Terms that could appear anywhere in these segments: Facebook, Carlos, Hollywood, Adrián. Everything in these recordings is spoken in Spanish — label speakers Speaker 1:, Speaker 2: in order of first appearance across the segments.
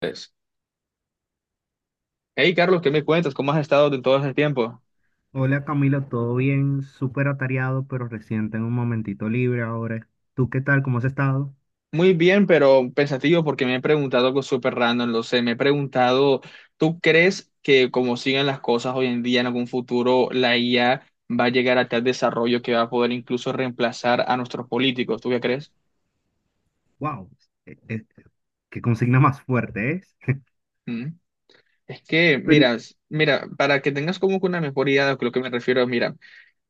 Speaker 1: Pues, hey Carlos, ¿qué me cuentas? ¿Cómo has estado en todo ese tiempo?
Speaker 2: Hola Camilo, todo bien, súper atareado, pero recién tengo un momentito libre ahora. ¿Tú qué tal? ¿Cómo has estado?
Speaker 1: Muy bien, pero pensativo porque me he preguntado algo súper random, lo sé, me he preguntado, ¿tú crees que como siguen las cosas hoy en día, en algún futuro, la IA va a llegar a tal desarrollo que va a poder incluso reemplazar a nuestros políticos? ¿Tú qué crees?
Speaker 2: ¡Wow! Eh, eh, qué consigna más fuerte es.
Speaker 1: ¿Mm? Es que,
Speaker 2: Pero y-
Speaker 1: mira, mira, para que tengas como que una mejor idea de lo que me refiero, mira.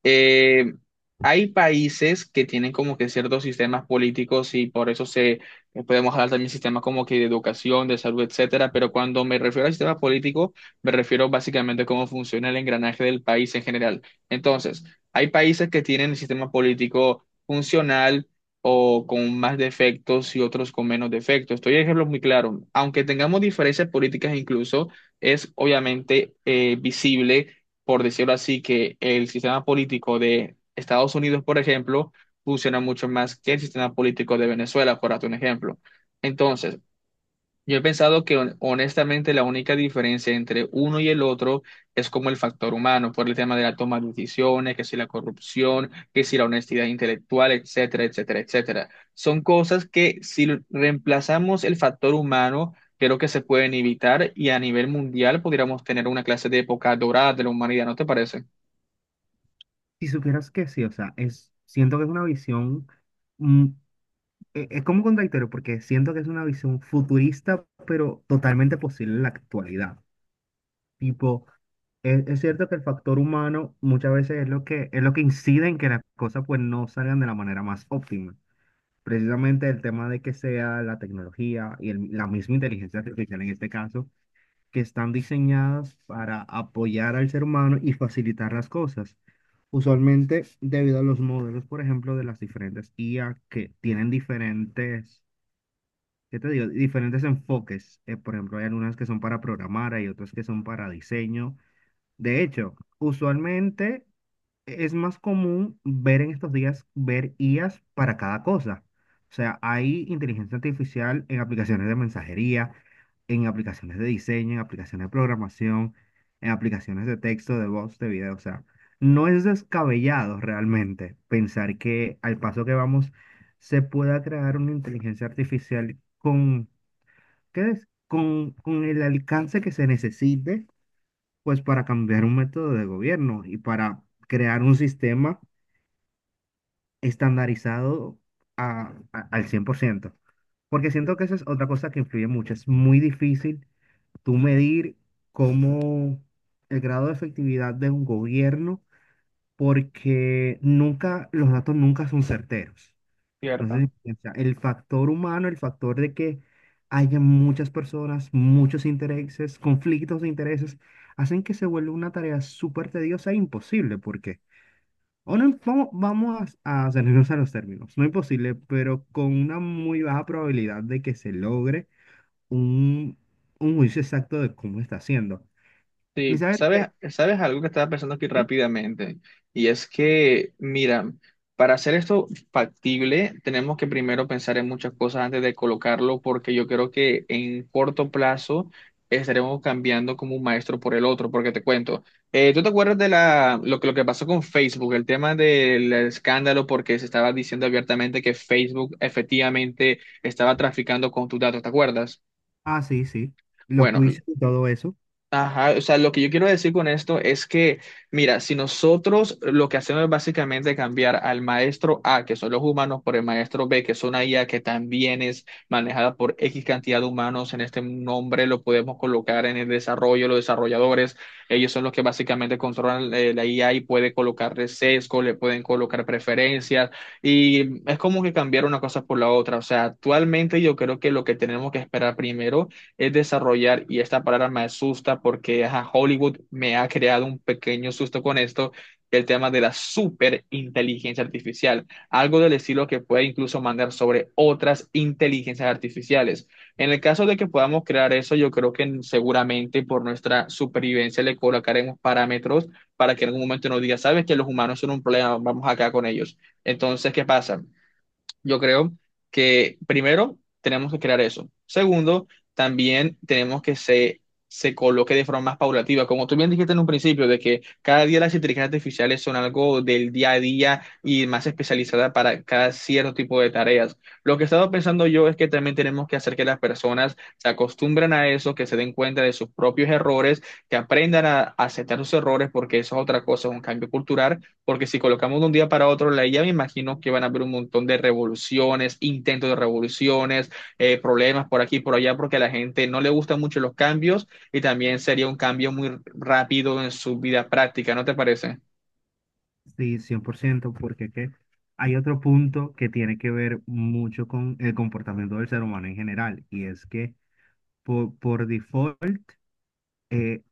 Speaker 1: Eh, Hay países que tienen como que ciertos sistemas políticos y por eso se podemos hablar también sistemas como que de educación, de salud, etcétera, pero cuando me refiero al sistema político, me refiero básicamente a cómo funciona el engranaje del país en general. Entonces, hay países que tienen el sistema político funcional o con más defectos y otros con menos defectos. Estoy de ejemplo muy claro. Aunque tengamos diferencias políticas incluso, es obviamente visible por decirlo así, que el sistema político de Estados Unidos, por ejemplo, funciona mucho más que el sistema político de Venezuela, por darte un ejemplo. Entonces, yo he pensado que honestamente la única diferencia entre uno y el otro es como el factor humano, por el tema de la toma de decisiones, que si la corrupción, que si la honestidad intelectual, etcétera, etcétera, etcétera. Son cosas que si reemplazamos el factor humano, creo que se pueden evitar y a nivel mundial podríamos tener una clase de época dorada de la humanidad, ¿no te parece?
Speaker 2: si supieras que sí, o sea, siento que es una visión, mm, es como contradictorio, porque siento que es una visión futurista, pero totalmente posible en la actualidad. Tipo, es cierto que el factor humano muchas veces es lo que incide en que las cosas pues no salgan de la manera más óptima. Precisamente el tema de que sea la tecnología y la misma inteligencia artificial en este caso, que están diseñadas para apoyar al ser humano y facilitar las cosas. Usualmente, debido a los modelos, por ejemplo, de las diferentes IA que tienen diferentes, ¿qué te digo? Diferentes enfoques. Por ejemplo, hay algunas que son para programar, hay otras que son para diseño. De hecho, usualmente es más común ver en estos días, ver IAs para cada cosa. O sea, hay inteligencia artificial en aplicaciones de mensajería, en aplicaciones de diseño, en aplicaciones de programación, en aplicaciones de texto, de voz, de video. O sea, no es descabellado realmente pensar que al paso que vamos se pueda crear una inteligencia artificial con, ¿qué es? Con el alcance que se necesite, pues para cambiar un método de gobierno y para crear un sistema estandarizado al 100%. Porque siento que esa es otra cosa que influye mucho. Es muy difícil tú medir cómo el grado de efectividad de un gobierno, porque nunca, los datos nunca son certeros.
Speaker 1: Cierto.
Speaker 2: Entonces, o sea, el factor humano, el factor de que haya muchas personas, muchos intereses, conflictos de intereses, hacen que se vuelva una tarea súper tediosa e imposible, porque ahora a ceñirnos a los términos. No imposible, pero con una muy baja probabilidad de que se logre un, un juicio exacto de cómo está haciendo. ¿Y
Speaker 1: Sí,
Speaker 2: sabes
Speaker 1: sabes,
Speaker 2: qué?
Speaker 1: sabes algo que estaba pensando aquí
Speaker 2: Sí.
Speaker 1: rápidamente, y es que, mira, para hacer esto factible, tenemos que primero pensar en muchas cosas antes de colocarlo, porque yo creo que en corto plazo estaremos cambiando como un maestro por el otro, porque te cuento, ¿tú te acuerdas de lo que pasó con Facebook, el tema del escándalo, porque se estaba diciendo abiertamente que Facebook efectivamente estaba traficando con tus datos, ¿te acuerdas?
Speaker 2: Ah, sí, sí. Los
Speaker 1: Bueno,
Speaker 2: juicios y todo eso,
Speaker 1: ajá, o sea, lo que yo quiero decir con esto es que, mira, si nosotros lo que hacemos es básicamente cambiar al maestro A, que son los humanos, por el maestro B, que es una IA que también es manejada por X cantidad de humanos, en este nombre lo podemos colocar en el desarrollo, los desarrolladores, ellos son los que básicamente controlan la IA y puede colocarle sesgo, le pueden colocar preferencias, y es como que cambiar una cosa por la otra, o sea, actualmente yo creo que lo que tenemos que esperar primero es desarrollar, y esta palabra me asusta porque ajá, Hollywood me ha creado un pequeño susto con esto, el tema de la superinteligencia artificial, algo del estilo que puede incluso mandar sobre otras inteligencias artificiales. En el caso de que podamos crear eso, yo creo que seguramente por nuestra supervivencia le colocaremos parámetros para que en algún momento nos diga, sabes que los humanos son un problema, vamos acá con ellos. Entonces, ¿qué pasa? Yo creo que primero tenemos que crear eso. Segundo, también tenemos que se coloque de forma más paulativa. Como tú bien dijiste en un principio, de que cada día las inteligencias artificiales son algo del día a día y más especializada para cada cierto tipo de tareas. Lo que he estado pensando yo es que también tenemos que hacer que las personas se acostumbren a eso, que se den cuenta de sus propios errores, que aprendan a aceptar sus errores, porque eso es otra cosa, es un cambio cultural porque si colocamos de un día para otro la IA, me imagino que van a haber un montón de revoluciones, intentos de revoluciones, problemas por aquí y por allá, porque a la gente no le gustan mucho los cambios y también sería un cambio muy rápido en su vida práctica, ¿no te parece?
Speaker 2: sí, 100% porque ¿qué? Hay otro punto que tiene que ver mucho con el comportamiento del ser humano en general, y es que por default eh,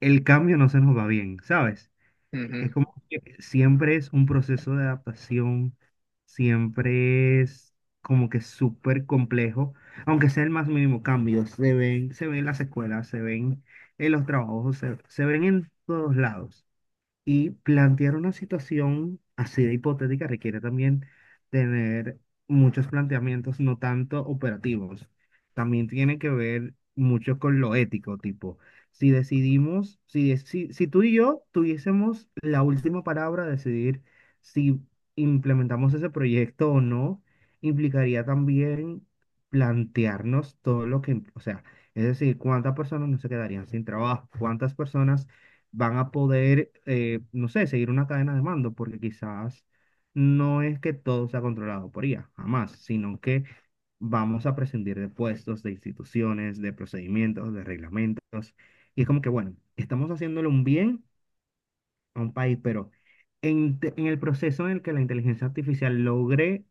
Speaker 2: el cambio no se nos va bien, ¿sabes?
Speaker 1: Ujú.
Speaker 2: Es como que siempre es un proceso de adaptación, siempre es como que súper complejo, aunque sea el más mínimo cambio, se ven en las escuelas, se ven en los trabajos, se ven en todos lados. Y plantear una situación así de hipotética requiere también tener muchos planteamientos, no tanto operativos. También tiene que ver mucho con lo ético, tipo, si, si tú y yo tuviésemos la última palabra, de decidir si implementamos ese proyecto o no, implicaría también plantearnos todo lo que, o sea, es decir, cuántas personas no se quedarían sin trabajo, cuántas personas van a poder, no sé, seguir una cadena de mando, porque quizás no es que todo sea controlado por IA, jamás, sino que vamos a prescindir de puestos, de instituciones, de procedimientos, de reglamentos. Y es como que, bueno, estamos haciéndole un bien a un país, pero en el proceso en el que la inteligencia artificial logre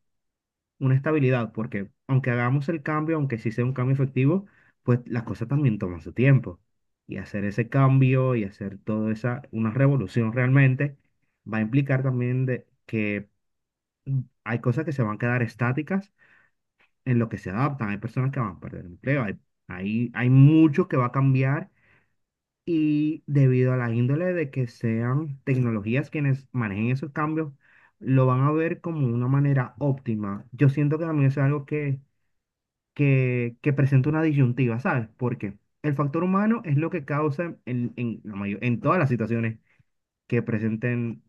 Speaker 2: una estabilidad, porque aunque hagamos el cambio, aunque sí sea un cambio efectivo, pues las cosas también toman su tiempo. Y hacer ese cambio y hacer toda esa, una revolución realmente, va a implicar también de, que hay cosas que se van a quedar estáticas en lo que se adaptan. Hay personas que van a perder empleo, hay mucho que va a cambiar. Y debido a la índole de que sean tecnologías quienes manejen esos cambios, lo van a ver como una manera óptima. Yo siento que también es algo que presenta una disyuntiva, ¿sabes? Porque el factor humano es lo que causa la en todas las situaciones que presenten,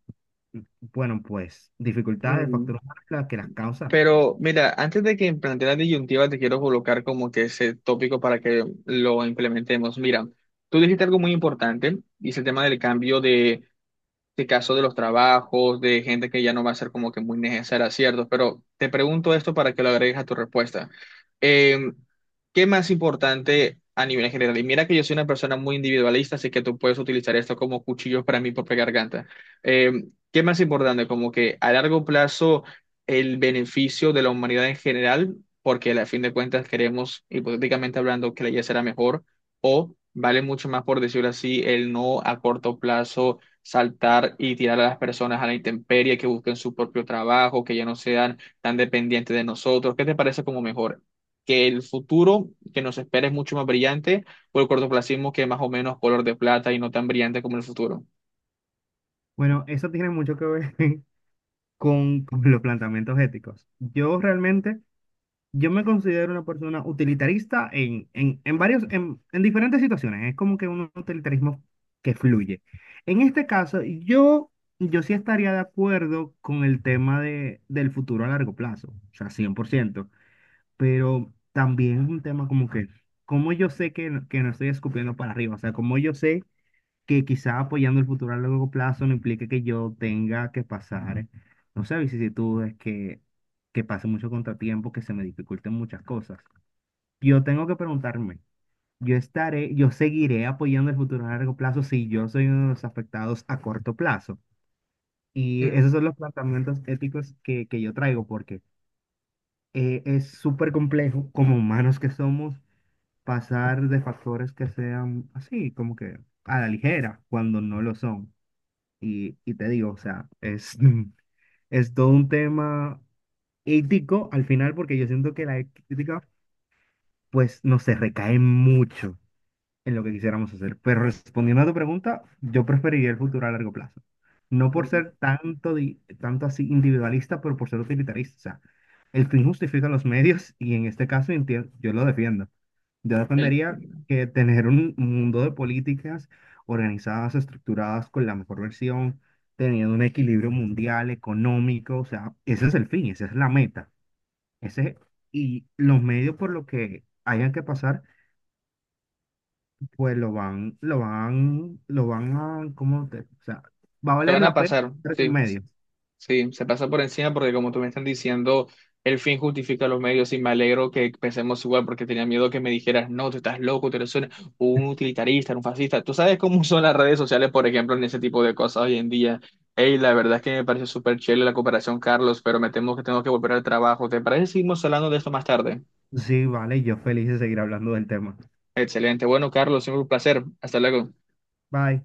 Speaker 2: bueno, pues dificultades, el
Speaker 1: Mm,
Speaker 2: factor humano es la que las causa.
Speaker 1: Pero mira, antes de que plantee la disyuntiva, te quiero colocar como que ese tópico para que lo implementemos. Mira, tú dijiste algo muy importante y es el tema del cambio de caso de los trabajos, de gente que ya no va a ser como que muy necesaria, ¿cierto? Pero te pregunto esto para que lo agregues a tu respuesta. Eh, ¿Qué más importante a nivel general? Y mira que yo soy una persona muy individualista, así que tú puedes utilizar esto como cuchillos para mi propia garganta. Eh, ¿Qué más importante? Como que a largo plazo el beneficio de la humanidad en general, porque a fin de cuentas queremos, hipotéticamente hablando, que la vida será mejor, o vale mucho más, por decirlo así, el no a corto plazo saltar y tirar a las personas a la intemperie, que busquen su propio trabajo, que ya no sean tan dependientes de nosotros. ¿Qué te parece como mejor? ¿Que el futuro que nos espera es mucho más brillante o el cortoplacismo que es más o menos color de plata y no tan brillante como el futuro?
Speaker 2: Bueno, eso tiene mucho que ver con los planteamientos éticos. Yo realmente... Yo me considero una persona utilitarista en varios, en diferentes situaciones. Es como que un utilitarismo que fluye. En este caso, yo sí estaría de acuerdo con el tema de, del futuro a largo plazo, o sea, 100%, pero también es un tema como que, como yo sé que, que no estoy escupiendo para arriba, o sea, como yo sé que quizá apoyando el futuro a largo plazo no implique que yo tenga que pasar, no sé, vicisitudes, que pase mucho contratiempo, que se me dificulten muchas cosas. Yo tengo que preguntarme, yo seguiré apoyando el futuro a largo plazo si yo soy uno de los afectados a corto plazo. Y
Speaker 1: Mm,
Speaker 2: esos son los planteamientos éticos que yo traigo, porque es súper complejo, como humanos que somos, pasar de factores que sean así, como que a la ligera, cuando no lo son. Y te digo, o sea, es, es todo un tema ético al final, porque yo siento que la ética, pues, no se recae mucho en lo que quisiéramos hacer. Pero respondiendo a tu pregunta, yo preferiría el futuro a largo plazo. No por
Speaker 1: mm,
Speaker 2: ser tanto, tanto así individualista, pero por ser utilitarista. O sea, el fin justifica los medios y en este caso yo lo defiendo. Yo
Speaker 1: eh,
Speaker 2: defendería
Speaker 1: eh,
Speaker 2: que tener un mundo de políticas organizadas, estructuradas con la mejor versión, teniendo un equilibrio mundial, económico, o sea, ese es el fin, esa es la meta. Ese, y los medios por lo que hayan que pasar, pues lo van a, ¿cómo o sea, va a
Speaker 1: Se
Speaker 2: valer
Speaker 1: van a
Speaker 2: la pena
Speaker 1: pasar,
Speaker 2: esos
Speaker 1: sí.
Speaker 2: medios.
Speaker 1: Sí, se pasa por encima porque como tú me estás diciendo, el fin justifica los medios y me alegro que pensemos igual porque tenía miedo que me dijeras, no, tú estás loco, tú eres un utilitarista, un fascista. Tú sabes cómo son las redes sociales, por ejemplo, en ese tipo de cosas hoy en día. Hey, la verdad es que me pareció súper chévere la cooperación, Carlos, pero me temo que tengo que volver al trabajo. ¿Te parece? Si seguimos hablando de esto más tarde.
Speaker 2: Sí, vale, yo feliz de seguir hablando del tema.
Speaker 1: Excelente. Bueno, Carlos, siempre un placer. Hasta luego.
Speaker 2: Bye.